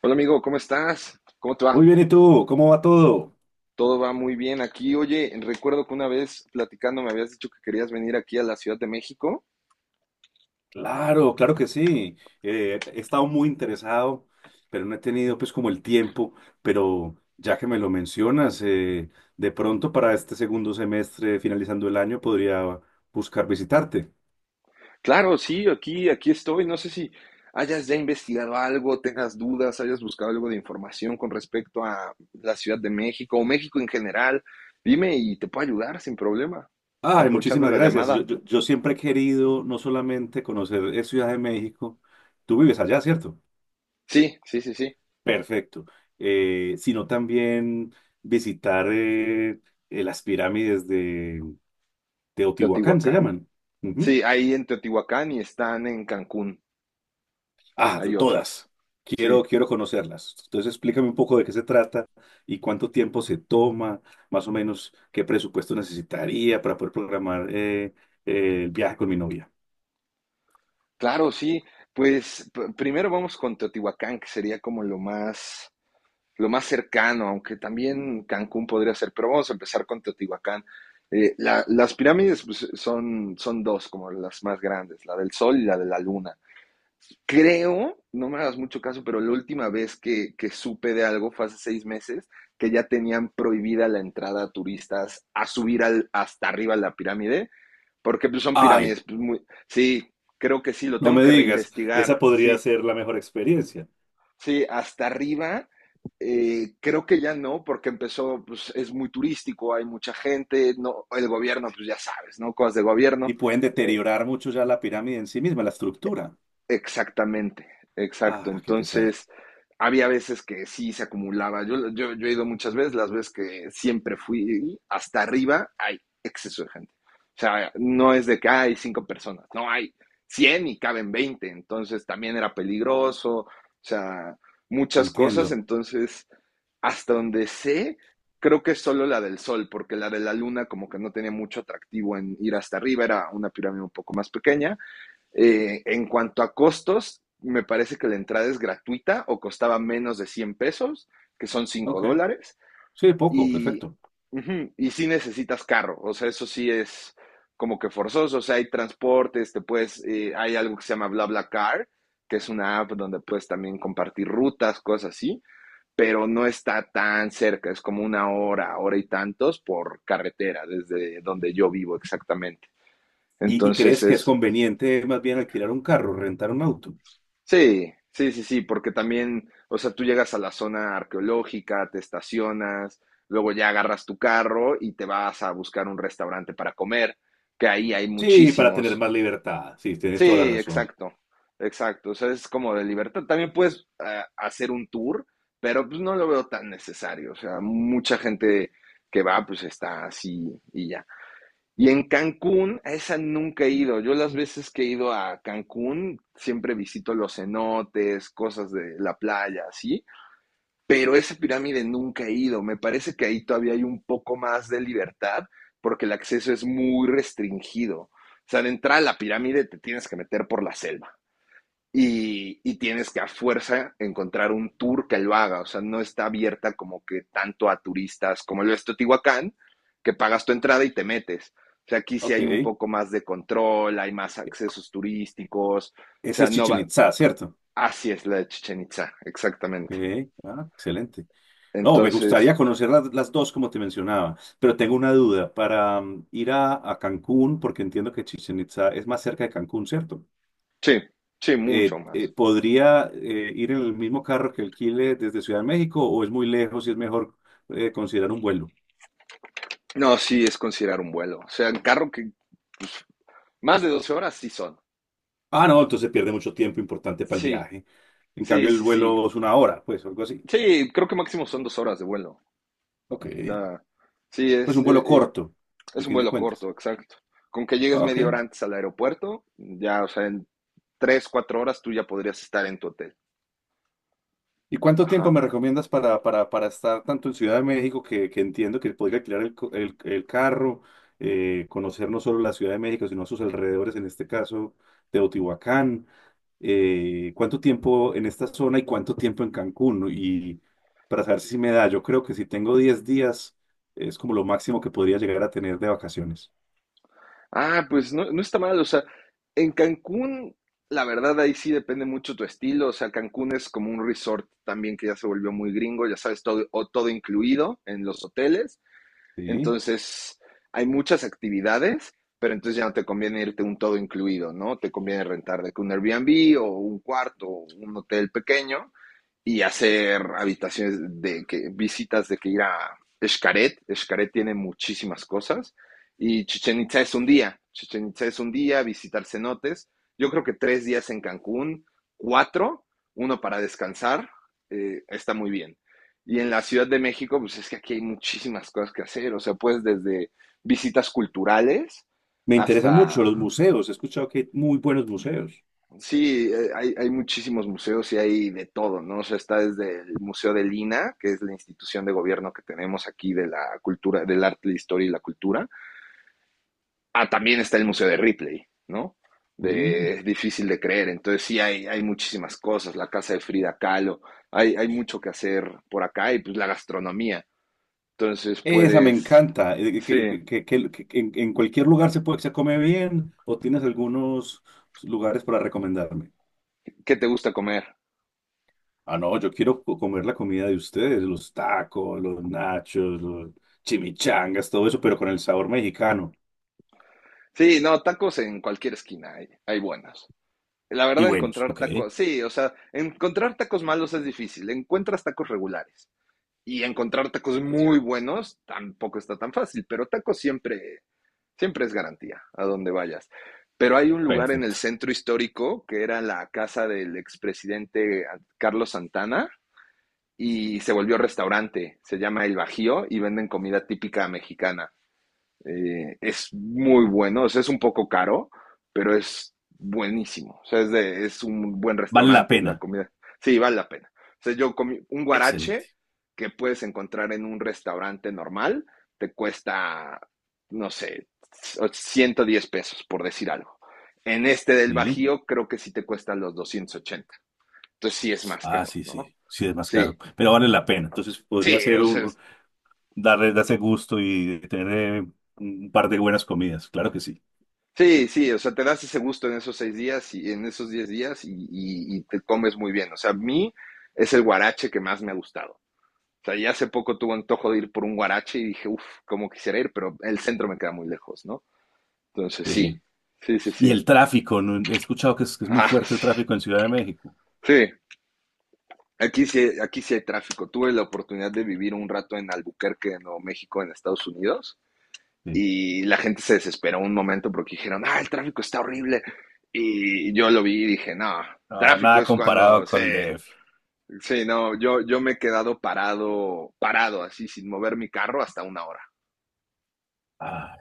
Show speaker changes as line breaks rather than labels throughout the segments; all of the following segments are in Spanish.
Hola amigo, ¿cómo estás? ¿Cómo te va?
Muy bien, ¿y tú? ¿Cómo va todo?
Todo va muy bien aquí. Oye, recuerdo que una vez platicando me habías dicho que querías venir aquí a la Ciudad de México.
Claro, claro que sí. He estado muy interesado, pero no he tenido pues como el tiempo, pero ya que me lo mencionas, de pronto para este segundo semestre, finalizando el año, podría buscar visitarte.
Claro, sí, aquí estoy. No sé si hayas ya investigado algo, tengas dudas, hayas buscado algo de información con respecto a la Ciudad de México o México en general. Dime y te puedo ayudar sin problema.
Ay,
Aprovechando
muchísimas
la
gracias. Yo,
llamada.
yo, yo siempre he querido no solamente conocer Ciudad de México, tú vives allá, ¿cierto?
Sí, sí, sí, sí.
Perfecto. Sino también visitar las pirámides de. Teotihuacán se
¿Teotihuacán?
llaman. Ujú.
Sí, ahí en Teotihuacán y están en Cancún.
Ah,
Hay
de
otras.
todas. Quiero,
Sí.
quiero conocerlas. Entonces, explícame un poco de qué se trata y cuánto tiempo se toma, más o menos qué presupuesto necesitaría para poder programar el viaje con mi novia.
Claro, sí. Pues primero vamos con Teotihuacán, que sería como lo más cercano, aunque también Cancún podría ser, pero vamos a empezar con Teotihuacán. Las pirámides, pues, son dos, como las más grandes, la del Sol y la de la Luna. Creo, no me hagas mucho caso, pero la última vez que supe de algo fue hace 6 meses, que ya tenían prohibida la entrada a turistas a subir hasta arriba a la pirámide, porque, pues, son
Ay,
pirámides, pues, muy... Sí, creo que sí, lo
no
tengo
me
que
digas, esa
reinvestigar.
podría
Sí,
ser la mejor experiencia.
sí, hasta arriba. Creo que ya no, porque empezó, pues, es muy turístico, hay mucha gente, no, el gobierno, pues, ya sabes, ¿no? Cosas de gobierno.
Y pueden
eh,
deteriorar mucho ya la pirámide en sí misma, la estructura.
Exactamente, exacto.
Ah, qué pesar.
Entonces, había veces que sí se acumulaba. Yo he ido muchas veces, las veces que siempre fui hasta arriba, hay exceso de gente. O sea, no es de que hay cinco personas, no hay 100 y caben 20. Entonces, también era peligroso, o sea, muchas cosas.
Entiendo.
Entonces, hasta donde sé, creo que es solo la del Sol, porque la de la Luna como que no tenía mucho atractivo en ir hasta arriba, era una pirámide un poco más pequeña. En cuanto a costos, me parece que la entrada es gratuita o costaba menos de 100 pesos, que son cinco
Ok.
dólares,
Sí, poco,
y,
perfecto.
uh -huh, y sí necesitas carro, o sea, eso sí es como que forzoso. O sea, hay transportes, te puedes, hay algo que se llama BlaBlaCar, que es una app donde puedes también compartir rutas, cosas así, pero no está tan cerca, es como una hora, hora y tantos por carretera, desde donde yo vivo exactamente.
¿Y
Entonces
crees que es
es...
conveniente más bien alquilar un carro, rentar un auto?
Sí, sí, sí, sí, porque también, o sea, tú llegas a la zona arqueológica, te estacionas, luego ya agarras tu carro y te vas a buscar un restaurante para comer, que ahí hay
Sí, para tener
muchísimos.
más libertad. Sí, tienes toda la
Sí,
razón.
exacto, exacto, o sea, es como de libertad. También puedes, hacer un tour, pero, pues, no lo veo tan necesario, o sea, mucha gente que va, pues, está así y ya. Y en Cancún, a esa nunca he ido. Yo las veces que he ido a Cancún, siempre visito los cenotes, cosas de la playa, así. Pero esa pirámide nunca he ido. Me parece que ahí todavía hay un poco más de libertad porque el acceso es muy restringido. O sea, de entrada a la pirámide te tienes que meter por la selva. Y tienes que a fuerza encontrar un tour que lo haga, o sea, no está abierta como que tanto a turistas como lo es Teotihuacán, que pagas tu entrada y te metes. O sea, aquí sí
Ok.
hay un poco más de control, hay más accesos turísticos, o
Ese
sea,
es
no
Chichen
va,
Itza, ¿cierto?
así es la de Chichen Itzá exactamente.
Ok. Ah, excelente. No, me
Entonces,
gustaría conocer las dos, como te mencionaba, pero tengo una duda. Para ir a Cancún, porque entiendo que Chichen Itza es más cerca de Cancún, ¿cierto?
sí, sí, mucho
Eh, eh,
más.
¿podría ir en el mismo carro que alquile desde Ciudad de México o es muy lejos y es mejor considerar un vuelo?
No, sí, es considerar un vuelo, o sea, en carro que más de 12 horas sí son.
Ah, no, entonces pierde mucho tiempo importante para el
Sí,
viaje. En cambio,
sí,
el
sí, sí,
vuelo es una hora, pues, algo así.
sí, creo que máximo son 2 horas de vuelo.
Ok.
O sea, sí,
Pues
es,
un vuelo
eh, eh,
corto,
es
al
un
fin de
vuelo corto,
cuentas.
exacto. Con que llegues
Ah, Ok.
media hora antes al aeropuerto, ya, o sea, en 3, 4 horas tú ya podrías estar en tu hotel.
¿Y cuánto tiempo me
Ajá.
recomiendas para, para estar tanto en Ciudad de México, que entiendo que podría alquilar el carro, conocer no solo la Ciudad de México, sino sus alrededores, en este caso, Teotihuacán? ¿Cuánto tiempo en esta zona y cuánto tiempo en Cancún? ¿No? Y para saber si me da, yo creo que si tengo 10 días, es como lo máximo que podría llegar a tener de vacaciones.
Ah, pues, no, no está mal, o sea, en Cancún, la verdad ahí sí depende mucho tu estilo, o sea, Cancún es como un resort también que ya se volvió muy gringo, ya sabes, todo, o todo incluido en los hoteles.
Sí.
Entonces, hay muchas actividades, pero entonces ya no te conviene irte un todo incluido, ¿no? Te conviene rentar de que un Airbnb o un cuarto o un hotel pequeño y hacer habitaciones de que visitas de que ir a Xcaret. Xcaret tiene muchísimas cosas y Chichén Itzá es un día. Chichén Itzá es un día, visitar cenotes. Yo creo que 3 días en Cancún, cuatro, uno para descansar, está muy bien. Y en la Ciudad de México, pues, es que aquí hay muchísimas cosas que hacer. O sea, pues, desde visitas culturales
Me interesan
hasta,
mucho los museos, he escuchado que hay muy buenos museos.
sí, hay muchísimos museos y hay de todo, ¿no? O sea, está desde el Museo de Lina, que es la institución de gobierno que tenemos aquí de la cultura, del arte, la historia y la cultura, ah, también está el Museo de Ripley, ¿no? De,
Mm.
es difícil de creer, entonces sí hay muchísimas cosas, la casa de Frida Kahlo, hay mucho que hacer por acá y, pues, la gastronomía, entonces
Esa me
puedes,
encanta, que,
sí.
que- que- que- que en cualquier lugar se puede, se come bien o tienes algunos lugares para recomendarme.
¿Qué te gusta comer?
Ah, no, yo quiero comer la comida de ustedes, los tacos, los nachos, los chimichangas, todo eso, pero con el sabor mexicano.
Sí, no, tacos en cualquier esquina hay buenos. La
Y
verdad,
buenos,
encontrar
ok,
tacos, sí, o sea, encontrar tacos malos es difícil, encuentras tacos regulares y encontrar tacos muy buenos tampoco está tan fácil, pero tacos siempre es garantía a donde vayas. Pero hay un lugar en el
perfecto.
centro histórico que era la casa del expresidente Carlos Santana y se volvió restaurante, se llama El Bajío y venden comida típica mexicana. Es muy bueno, o sea, es un poco caro, pero es buenísimo. O sea, es un buen
Vale la
restaurante la
pena,
comida. Sí, vale la pena. O sea, yo comí un guarache
excelente.
que puedes encontrar en un restaurante normal, te cuesta, no sé, 110 pesos, por decir algo. En este del
Sí,
Bajío, creo que sí te cuesta los 280. Entonces sí es más
ah,
caro,
sí,
¿no?
sí, sí es más
Sí,
caro, pero vale la pena. Entonces podría
sí,
ser
o sea,
darse gusto y tener un par de buenas comidas, claro que sí.
sí, sí, o sea, te das ese gusto en esos 6 días y en esos 10 días y, y te comes muy bien. O sea, a mí es el guarache que más me ha gustado. O sea, ya hace poco tuve antojo de ir por un guarache y dije, uff, cómo quisiera ir, pero el centro me queda muy lejos, ¿no? Entonces, sí,
Sí.
sí, sí,
Y
sí.
el tráfico, ¿no? He escuchado que es muy
Ah,
fuerte el
sí.
tráfico en Ciudad de México.
Sí, aquí sí, aquí sí hay tráfico. Tuve la oportunidad de vivir un rato en Albuquerque, en Nuevo México, en Estados Unidos.
Sí.
Y la gente se desesperó un momento porque dijeron, ah, el tráfico está horrible. Y yo lo vi y dije, no,
No,
tráfico
nada
es
comparado
cuando
con el
se...
DF.
Sí, no, yo me he quedado parado, parado, así, sin mover mi carro hasta 1 hora.
Ah,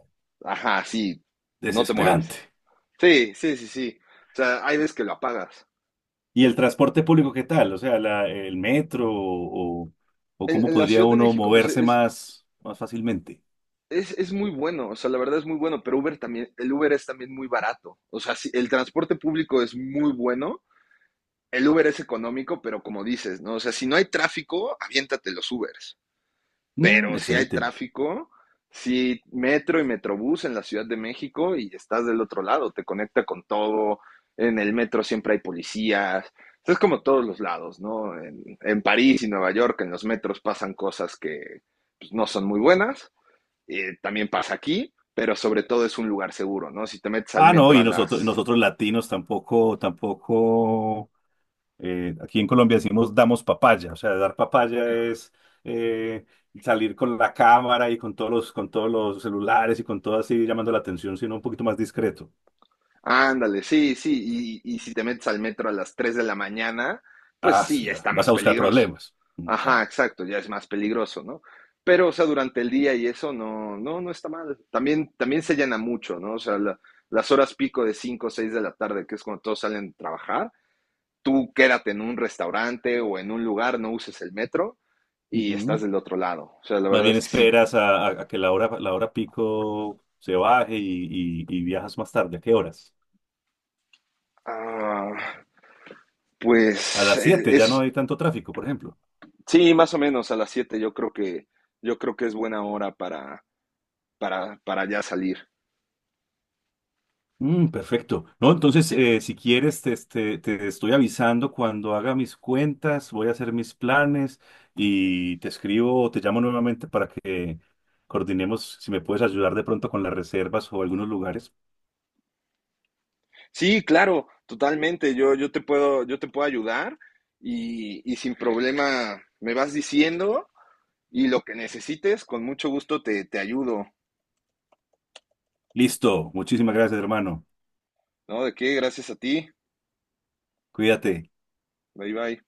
Ajá, sí, no te mueves.
desesperante.
Sí, sí, sí, sí. O sea, hay veces que lo apagas.
¿Y el transporte público qué tal? O sea, el metro o
En,
cómo
en la
podría
Ciudad de
uno
México, pues,
moverse
es,
más fácilmente.
es, es muy bueno, o sea, la verdad es muy bueno, pero Uber también, el Uber es también muy barato. O sea, sí, el transporte público es muy bueno, el Uber es económico, pero como dices, ¿no? O sea, si no hay tráfico, aviéntate los Ubers.
Mm,
Pero si hay
excelente.
tráfico, si metro y metrobús en la Ciudad de México y estás del otro lado, te conecta con todo. En el metro siempre hay policías. Es como todos los lados, ¿no? En París y Nueva York, en los metros pasan cosas que, pues, no son muy buenas. También pasa aquí, pero sobre todo es un lugar seguro, ¿no? Si te metes al
Ah, no,
metro a
y
las...
nosotros latinos tampoco, tampoco. Aquí en Colombia decimos damos papaya, o sea, dar papaya es eh, salir con la cámara y con con todos los celulares y con todo así llamando la atención, sino un poquito más discreto.
Ándale, sí, sí, y si te metes al metro a las 3 de la mañana, pues,
Ah,
sí, ya
sí,
está
vas
más
a buscar
peligroso.
problemas. Mm,
Ajá,
claro.
exacto, ya es más peligroso, ¿no? Pero, o sea, durante el día y eso no, no, no está mal. También se llena mucho, ¿no? O sea, las horas pico de 5 o 6 de la tarde, que es cuando todos salen a trabajar, tú quédate en un restaurante o en un lugar, no uses el metro y estás
Ujú.
del otro lado. O sea, la
Más
verdad
bien
es que sí,
esperas a que la hora pico se baje y viajas más tarde. ¿A qué horas?
ah,
A
pues
las 7 ya no
es...
hay tanto tráfico, por ejemplo.
Sí, más o menos a las 7. Yo creo que es buena hora para ya salir.
Perfecto. No, entonces,
Sí,
si quieres, te estoy avisando cuando haga mis cuentas, voy a hacer mis planes y te escribo o te llamo nuevamente para que coordinemos si me puedes ayudar de pronto con las reservas o algunos lugares.
sí, claro, totalmente. Yo te puedo ayudar y sin problema me vas diciendo y lo que necesites con mucho gusto te ayudo,
Listo. Muchísimas gracias, hermano.
¿no? De qué, gracias a ti.
Cuídate.
Bye bye.